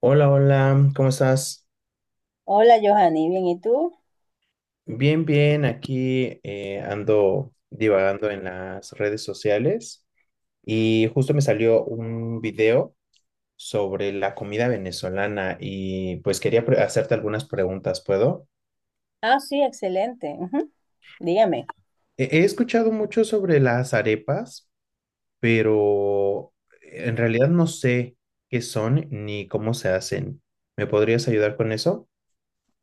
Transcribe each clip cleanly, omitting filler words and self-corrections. Hola, hola, ¿cómo estás? Hola, Johanny, bien, ¿y tú? Bien, bien, aquí ando divagando en las redes sociales y justo me salió un video sobre la comida venezolana y pues quería hacerte algunas preguntas, ¿puedo? Ah, sí, excelente. Ujú. Dígame. He escuchado mucho sobre las arepas, pero en realidad no sé qué son ni cómo se hacen. ¿Me podrías ayudar con eso?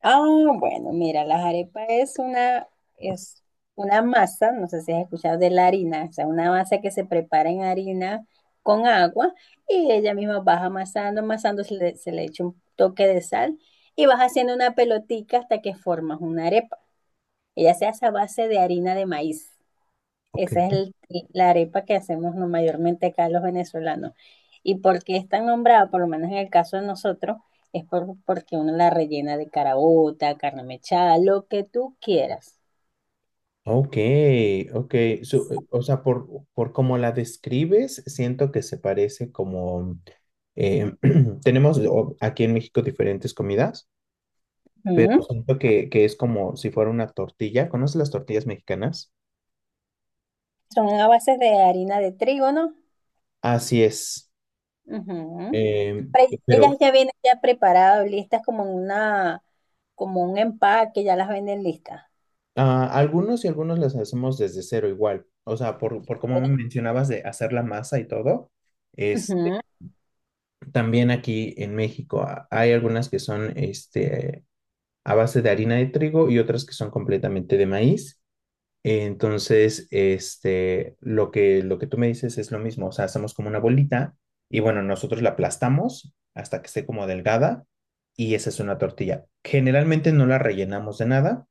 Ah, bueno, mira, las arepas es una masa. No sé si has escuchado de la harina, o sea, una masa que se prepara en harina con agua, y ella misma vas amasando, amasando. Se le echa un toque de sal y vas haciendo una pelotica hasta que formas una arepa. Ella se hace a base de harina de maíz. Ok. Esa es el- la arepa que hacemos mayormente acá los venezolanos. ¿Y por qué es tan nombrada? Por lo menos en el caso de nosotros, porque uno la rellena de carabota, carne mechada, lo que tú quieras. Ok, ok. O sea, por cómo la describes, siento que se parece como eh, tenemos aquí en México diferentes comidas, pero Ujú. siento que es como si fuera una tortilla. ¿Conoces las tortillas mexicanas? Son a base de harina de trigo, ¿no? Así es. Ujú. Eh, pero Ellas ya vienen ya preparadas, listas como en una, como un empaque. Ya las venden listas. Algunos y algunos las hacemos desde cero igual. O sea, por como me Chévere. mencionabas de hacer la masa y todo, este, Ujú. también aquí en México hay algunas que son a base de harina de trigo y otras que son completamente de maíz. Entonces, lo lo que tú me dices es lo mismo, o sea, hacemos como una bolita y bueno, nosotros la aplastamos hasta que esté como delgada y esa es una tortilla. Generalmente no la rellenamos de nada,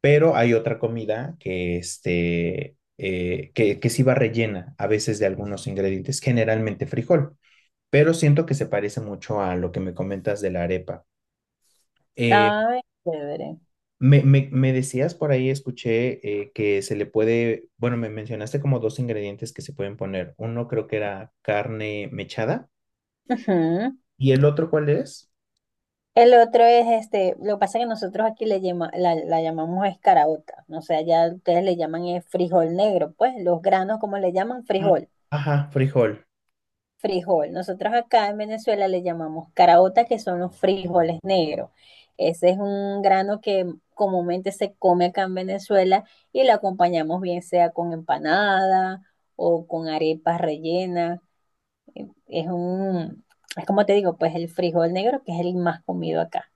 pero hay otra comida que sí va rellena a veces de algunos ingredientes, generalmente frijol, pero siento que se parece mucho a lo que me comentas de la arepa. Eh, Ay, chévere. Me decías por ahí, escuché que se le puede, bueno, me mencionaste como dos ingredientes que se pueden poner. Uno creo que era carne mechada Ujú. y el otro ¿cuál es? El otro es este. Lo que pasa es que nosotros aquí la, la llamamos escarabota, ¿no? O sea, ya ustedes le llaman frijol negro, pues los granos como le llaman Ah, frijol, Ajá, frijol. frijol. Nosotros acá en Venezuela le llamamos caraota, que son los frijoles negros. Ese es un grano que comúnmente se come acá en Venezuela, y lo acompañamos bien sea con empanada o con arepas rellenas. Es un, es como te digo, pues, el frijol negro, que es el más comido acá.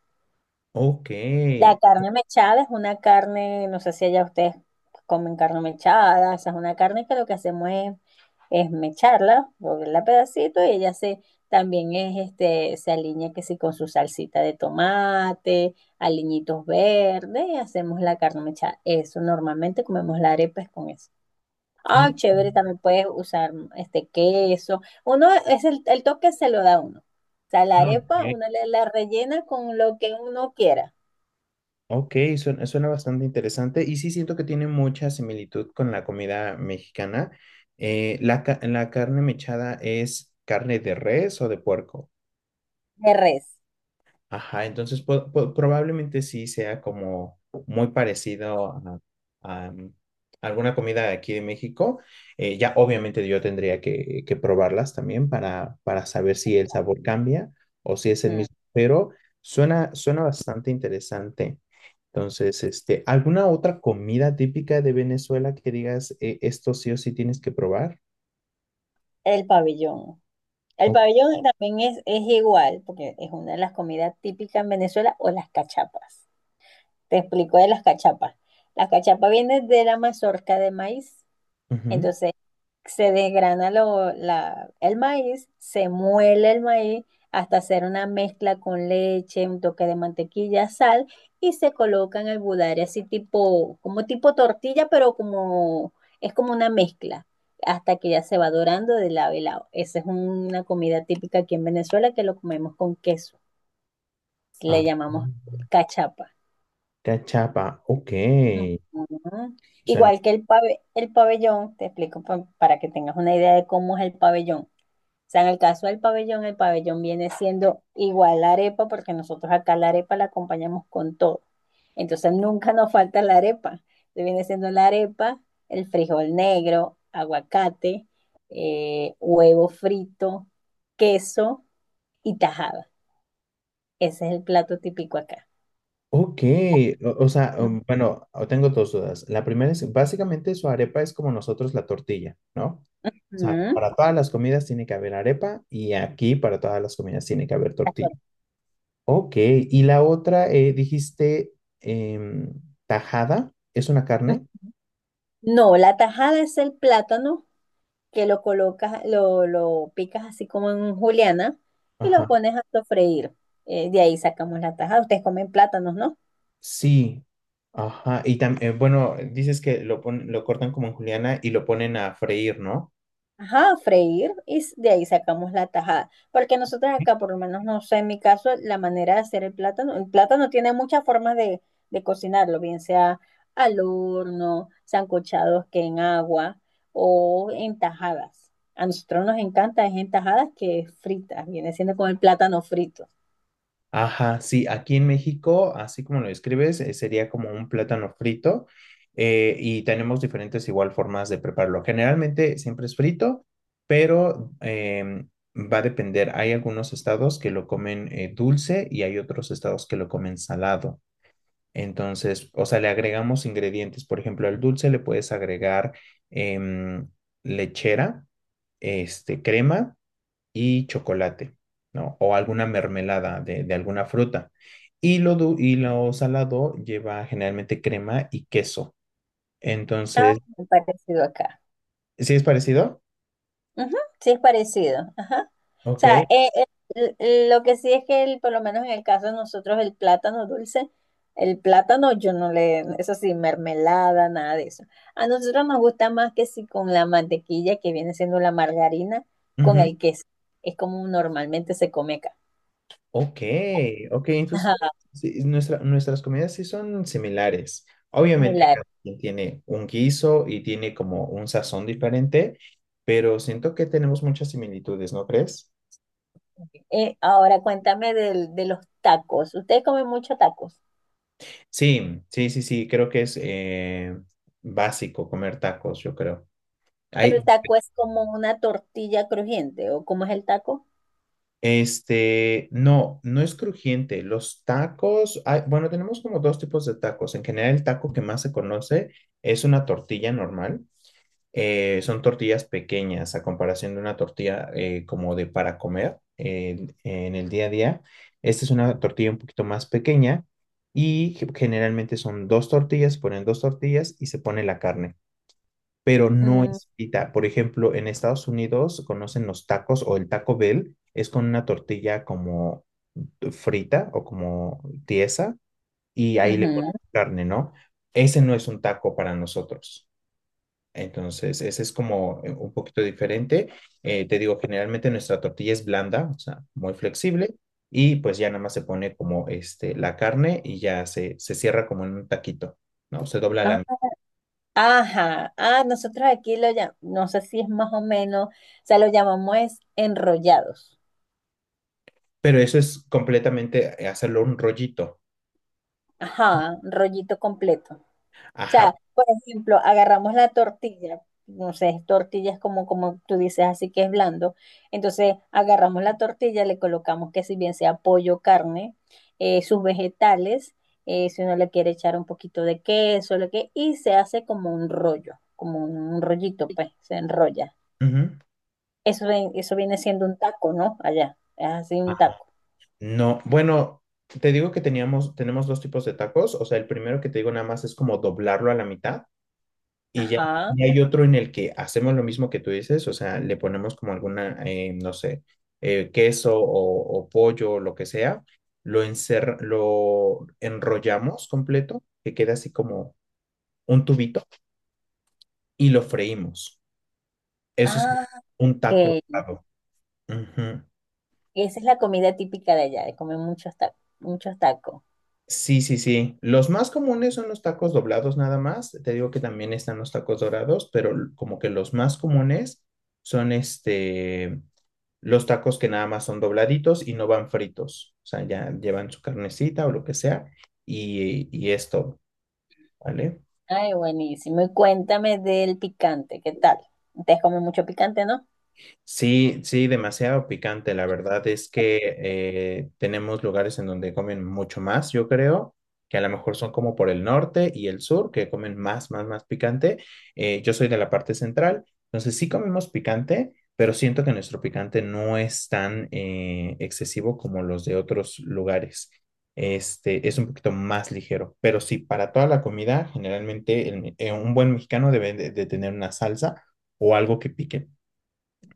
Ok. La carne mechada es una carne. No sé si allá ustedes comen carne mechada. Esa es una carne que lo que hacemos es mecharla, volverla a pedacitos, y ella se también se alinea que sí con su salsita de tomate, aliñitos verdes, y hacemos la carne mechada. Eso normalmente comemos la arepa es con eso. Ah, Ah, chévere, también puedes usar queso. Uno es el toque se lo da a uno. O sea, la no, arepa ok. uno la rellena con lo que uno quiera Ok, suena, suena bastante interesante y sí siento que tiene mucha similitud con la comida mexicana. La carne mechada es carne de res o de puerco. de res. Ajá, entonces probablemente sí sea como muy parecido a, a, mm, alguna comida de aquí de México. Ya obviamente yo tendría que probarlas también para saber si el sabor cambia o si es el mismo, pero suena, suena bastante interesante. Entonces, ¿alguna otra comida típica de Venezuela que digas, esto sí o sí tienes que probar? El pabellón. El O- pabellón también es igual, porque es una de las comidas típicas en Venezuela, o las cachapas. Te explico de las cachapas. Las cachapas vienen de la mazorca de maíz. ujú. Entonces se desgrana el maíz, se muele el maíz hasta hacer una mezcla con leche, un toque de mantequilla, sal, y se coloca en el budare así tipo, como tipo tortilla, pero como es como una mezcla, hasta que ya se va dorando de lado y lado. Esa es una comida típica aquí en Venezuela que lo comemos con queso. Ah, Le llamamos cachapa. cachapa, ok. Ujú. Suena Igual que el pabellón, te explico para que tengas una idea de cómo es el pabellón. O sea, en el caso del pabellón, el pabellón viene siendo igual la arepa, porque nosotros acá la arepa la acompañamos con todo. Entonces nunca nos falta la arepa. Entonces, viene siendo la arepa, el frijol negro, aguacate, huevo frito, queso y tajada. Ese es el plato típico acá. ok, o sea, bueno, o tengo dos dudas. La primera es, básicamente su arepa es como nosotros la tortilla, ¿no? O sea, Ujú. para todas las comidas tiene que haber arepa y aquí para todas las comidas tiene que haber tortilla. Ok, y la otra, dijiste em, tajada, ¿es una carne? No, la tajada es el plátano, que lo colocas, lo picas así como en juliana y lo Ajá, pones a sofreír. De ahí sacamos la tajada. Ustedes comen plátanos, ¿no? sí, ajá, y también, bueno, dices que lo cortan como en juliana y lo ponen a freír, ¿no? Ajá, freír y de ahí sacamos la tajada. Porque nosotros acá, por lo menos, no sé, en mi caso, la manera de hacer el plátano tiene muchas formas de cocinarlo, bien sea al horno, sancochados que en agua, o en tajadas. A nosotros nos encanta es en tajadas que fritas, viene siendo como el plátano frito, Ajá, sí, aquí en México, así como lo describes, sería como un plátano frito y tenemos diferentes igual formas de prepararlo. Generalmente siempre es frito, pero va a depender. Hay algunos estados que lo comen dulce y hay otros estados que lo comen salado. Entonces, o sea, le agregamos ingredientes. Por ejemplo, al dulce le puedes agregar em, lechera, crema y chocolate, ¿no? O alguna mermelada de alguna fruta. Y y lo salado lleva generalmente crema y queso. Entonces, muy parecido acá. ¿sí es parecido? Ujú, sí, es parecido. O Ok. sea, eh, eh, l- lo que sí es que por lo menos en el caso de nosotros, el plátano dulce, el plátano yo no le, eso sí, mermelada, nada de eso. A nosotros nos gusta más que si con la mantequilla, que viene siendo la margarina, con Ujú. el queso. Es como normalmente se come acá. Ok, ok. Entonces, Ajá, sí, nuestras comidas sí son similares. Obviamente, similar. cada quien tiene un guiso y tiene como un sazón diferente, pero siento que tenemos muchas similitudes, ¿no crees? Ahora cuéntame de los tacos. Ustedes comen mucho tacos, Sí, sí, sí, sí. Creo que es básico comer tacos, yo creo. pero el Ay, taco es como una tortilla crujiente, ¿o cómo es el taco? No, no es crujiente. Los tacos, bueno, tenemos como dos tipos de tacos. En general, el taco que más se conoce es una tortilla normal. Eh, son tortillas pequeñas a comparación de una tortilla como de para comer en el día a día. Esta es una tortilla un poquito más pequeña y generalmente son dos tortillas, se ponen dos tortillas y se pone la carne. Pero no Mm, es frita. Por ejemplo, en Estados Unidos conocen los tacos o el Taco Bell, es con una tortilla como frita o como tiesa y ahí le ponen ujú. carne, ¿no? Ese no es un taco para nosotros. Entonces, ese es como un poquito diferente. Te digo, generalmente nuestra tortilla es blanda, o sea, muy flexible, y pues ya nada más se pone como la carne y ya se cierra como en un taquito, ¿no? Se dobla la... Ajá, ah, nosotros aquí lo llamamos, no sé si es más o menos, o sea, lo llamamos es enrollados. Pero eso es completamente hacerlo un rollito. Ajá, rollito completo. O Ajá. sea, por ejemplo, agarramos la tortilla, no sé, tortillas como, como tú dices, así que es blando. Entonces, agarramos la tortilla, le colocamos que si bien sea pollo, carne, sus vegetales, si uno le quiere echar un poquito de queso, lo que, y se hace como un rollo, como un rollito, pues, se enrolla. Ujú. Eso, eso viene siendo un taco, ¿no? Allá, es así un taco. No, bueno, te digo que teníamos, tenemos dos tipos de tacos. O sea, el primero que te digo nada más es como doblarlo a la mitad. Y ya, Ajá. y hay otro en el que hacemos lo mismo que tú dices. O sea, le ponemos como alguna, no sé, queso o pollo o lo que sea. Lo enrollamos completo, que queda así como un tubito, y lo freímos. Eso es Ah, un taco ok. dorado. Ujú. Esa es la comida típica de allá, de comer muchos tacos, muchos tacos. Sí, sí, sí. Los más comunes son los tacos doblados nada más. Te digo que también están los tacos dorados, pero como que los más comunes son los tacos que nada más son dobladitos y no van fritos. O sea, ya llevan su carnecita o lo que sea y es todo, ¿vale? Ay, buenísimo. Y cuéntame del picante, ¿qué tal? Ustedes comen mucho picante, ¿no? Sí, sí, demasiado picante. La verdad es que tenemos lugares en donde comen mucho más, yo creo, que a lo mejor son como por el norte y el sur, que comen más, más, más picante. Yo soy de la parte central, entonces sí comemos picante, pero siento que nuestro picante no es tan excesivo como los de otros lugares. Este es un poquito más ligero, pero sí, para toda la comida, generalmente un buen mexicano debe de tener una salsa o algo que pique.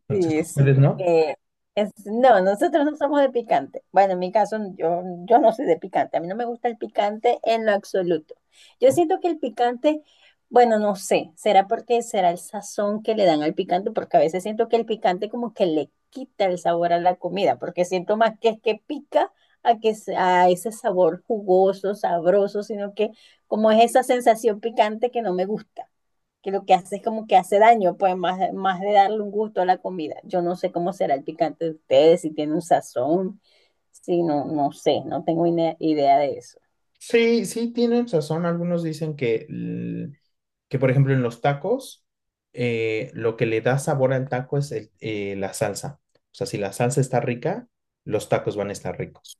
Entonces, Sí, sí, ustedes no. porque es, no, nosotros no somos de picante. Bueno, en mi caso, yo no soy de picante. A mí no me gusta el picante en lo absoluto. Yo siento que el picante, bueno, no sé, será porque será el sazón que le dan al picante, porque a veces siento que el picante como que le quita el sabor a la comida, porque siento más que es que pica a que a ese sabor jugoso, sabroso, sino que como es esa sensación picante que no me gusta, que lo que hace es como que hace daño, pues, más, más de darle un gusto a la comida. Yo no sé cómo será el picante de ustedes, si tiene un sazón, si no, no sé, no tengo idea de eso. Sí, sí, tienen razón. Algunos dicen que por ejemplo, en los tacos, lo que le da sabor al taco es la salsa. O sea, si la salsa está rica, los tacos van a estar ricos.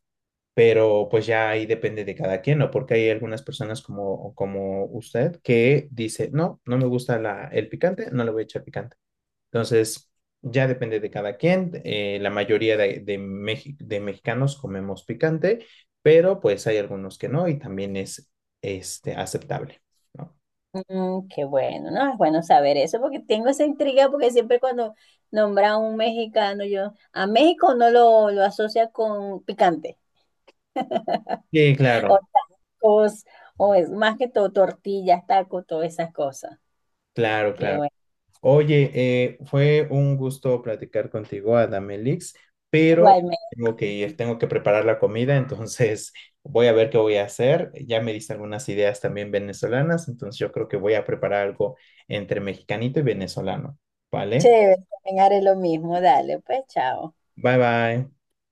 Pero pues ya ahí depende de cada quien, ¿no? Porque hay algunas personas como, como usted que dice, no, no me gusta el picante, no le voy a echar picante. Entonces, ya depende de cada quien. La mayoría de mexicanos comemos picante, pero pues hay algunos que no y también es aceptable, ¿no? Mm, qué bueno, ¿no? Es bueno saber eso porque tengo esa intriga, porque siempre cuando nombra a un mexicano, yo a México no lo asocia con picante Sí, o claro, tacos, o es más que todo tortillas, tacos, todas esas cosas. claro, Qué claro. bueno. Oye, fue un gusto platicar contigo, Adamelix, pero Igualmente, tengo que ir, tengo que preparar la comida, entonces voy a ver qué voy a hacer. Ya me diste algunas ideas también venezolanas, entonces yo creo que voy a preparar algo entre mexicanito y venezolano, ¿vale? chévere, también haré lo mismo, dale, pues, chao. Bye bye.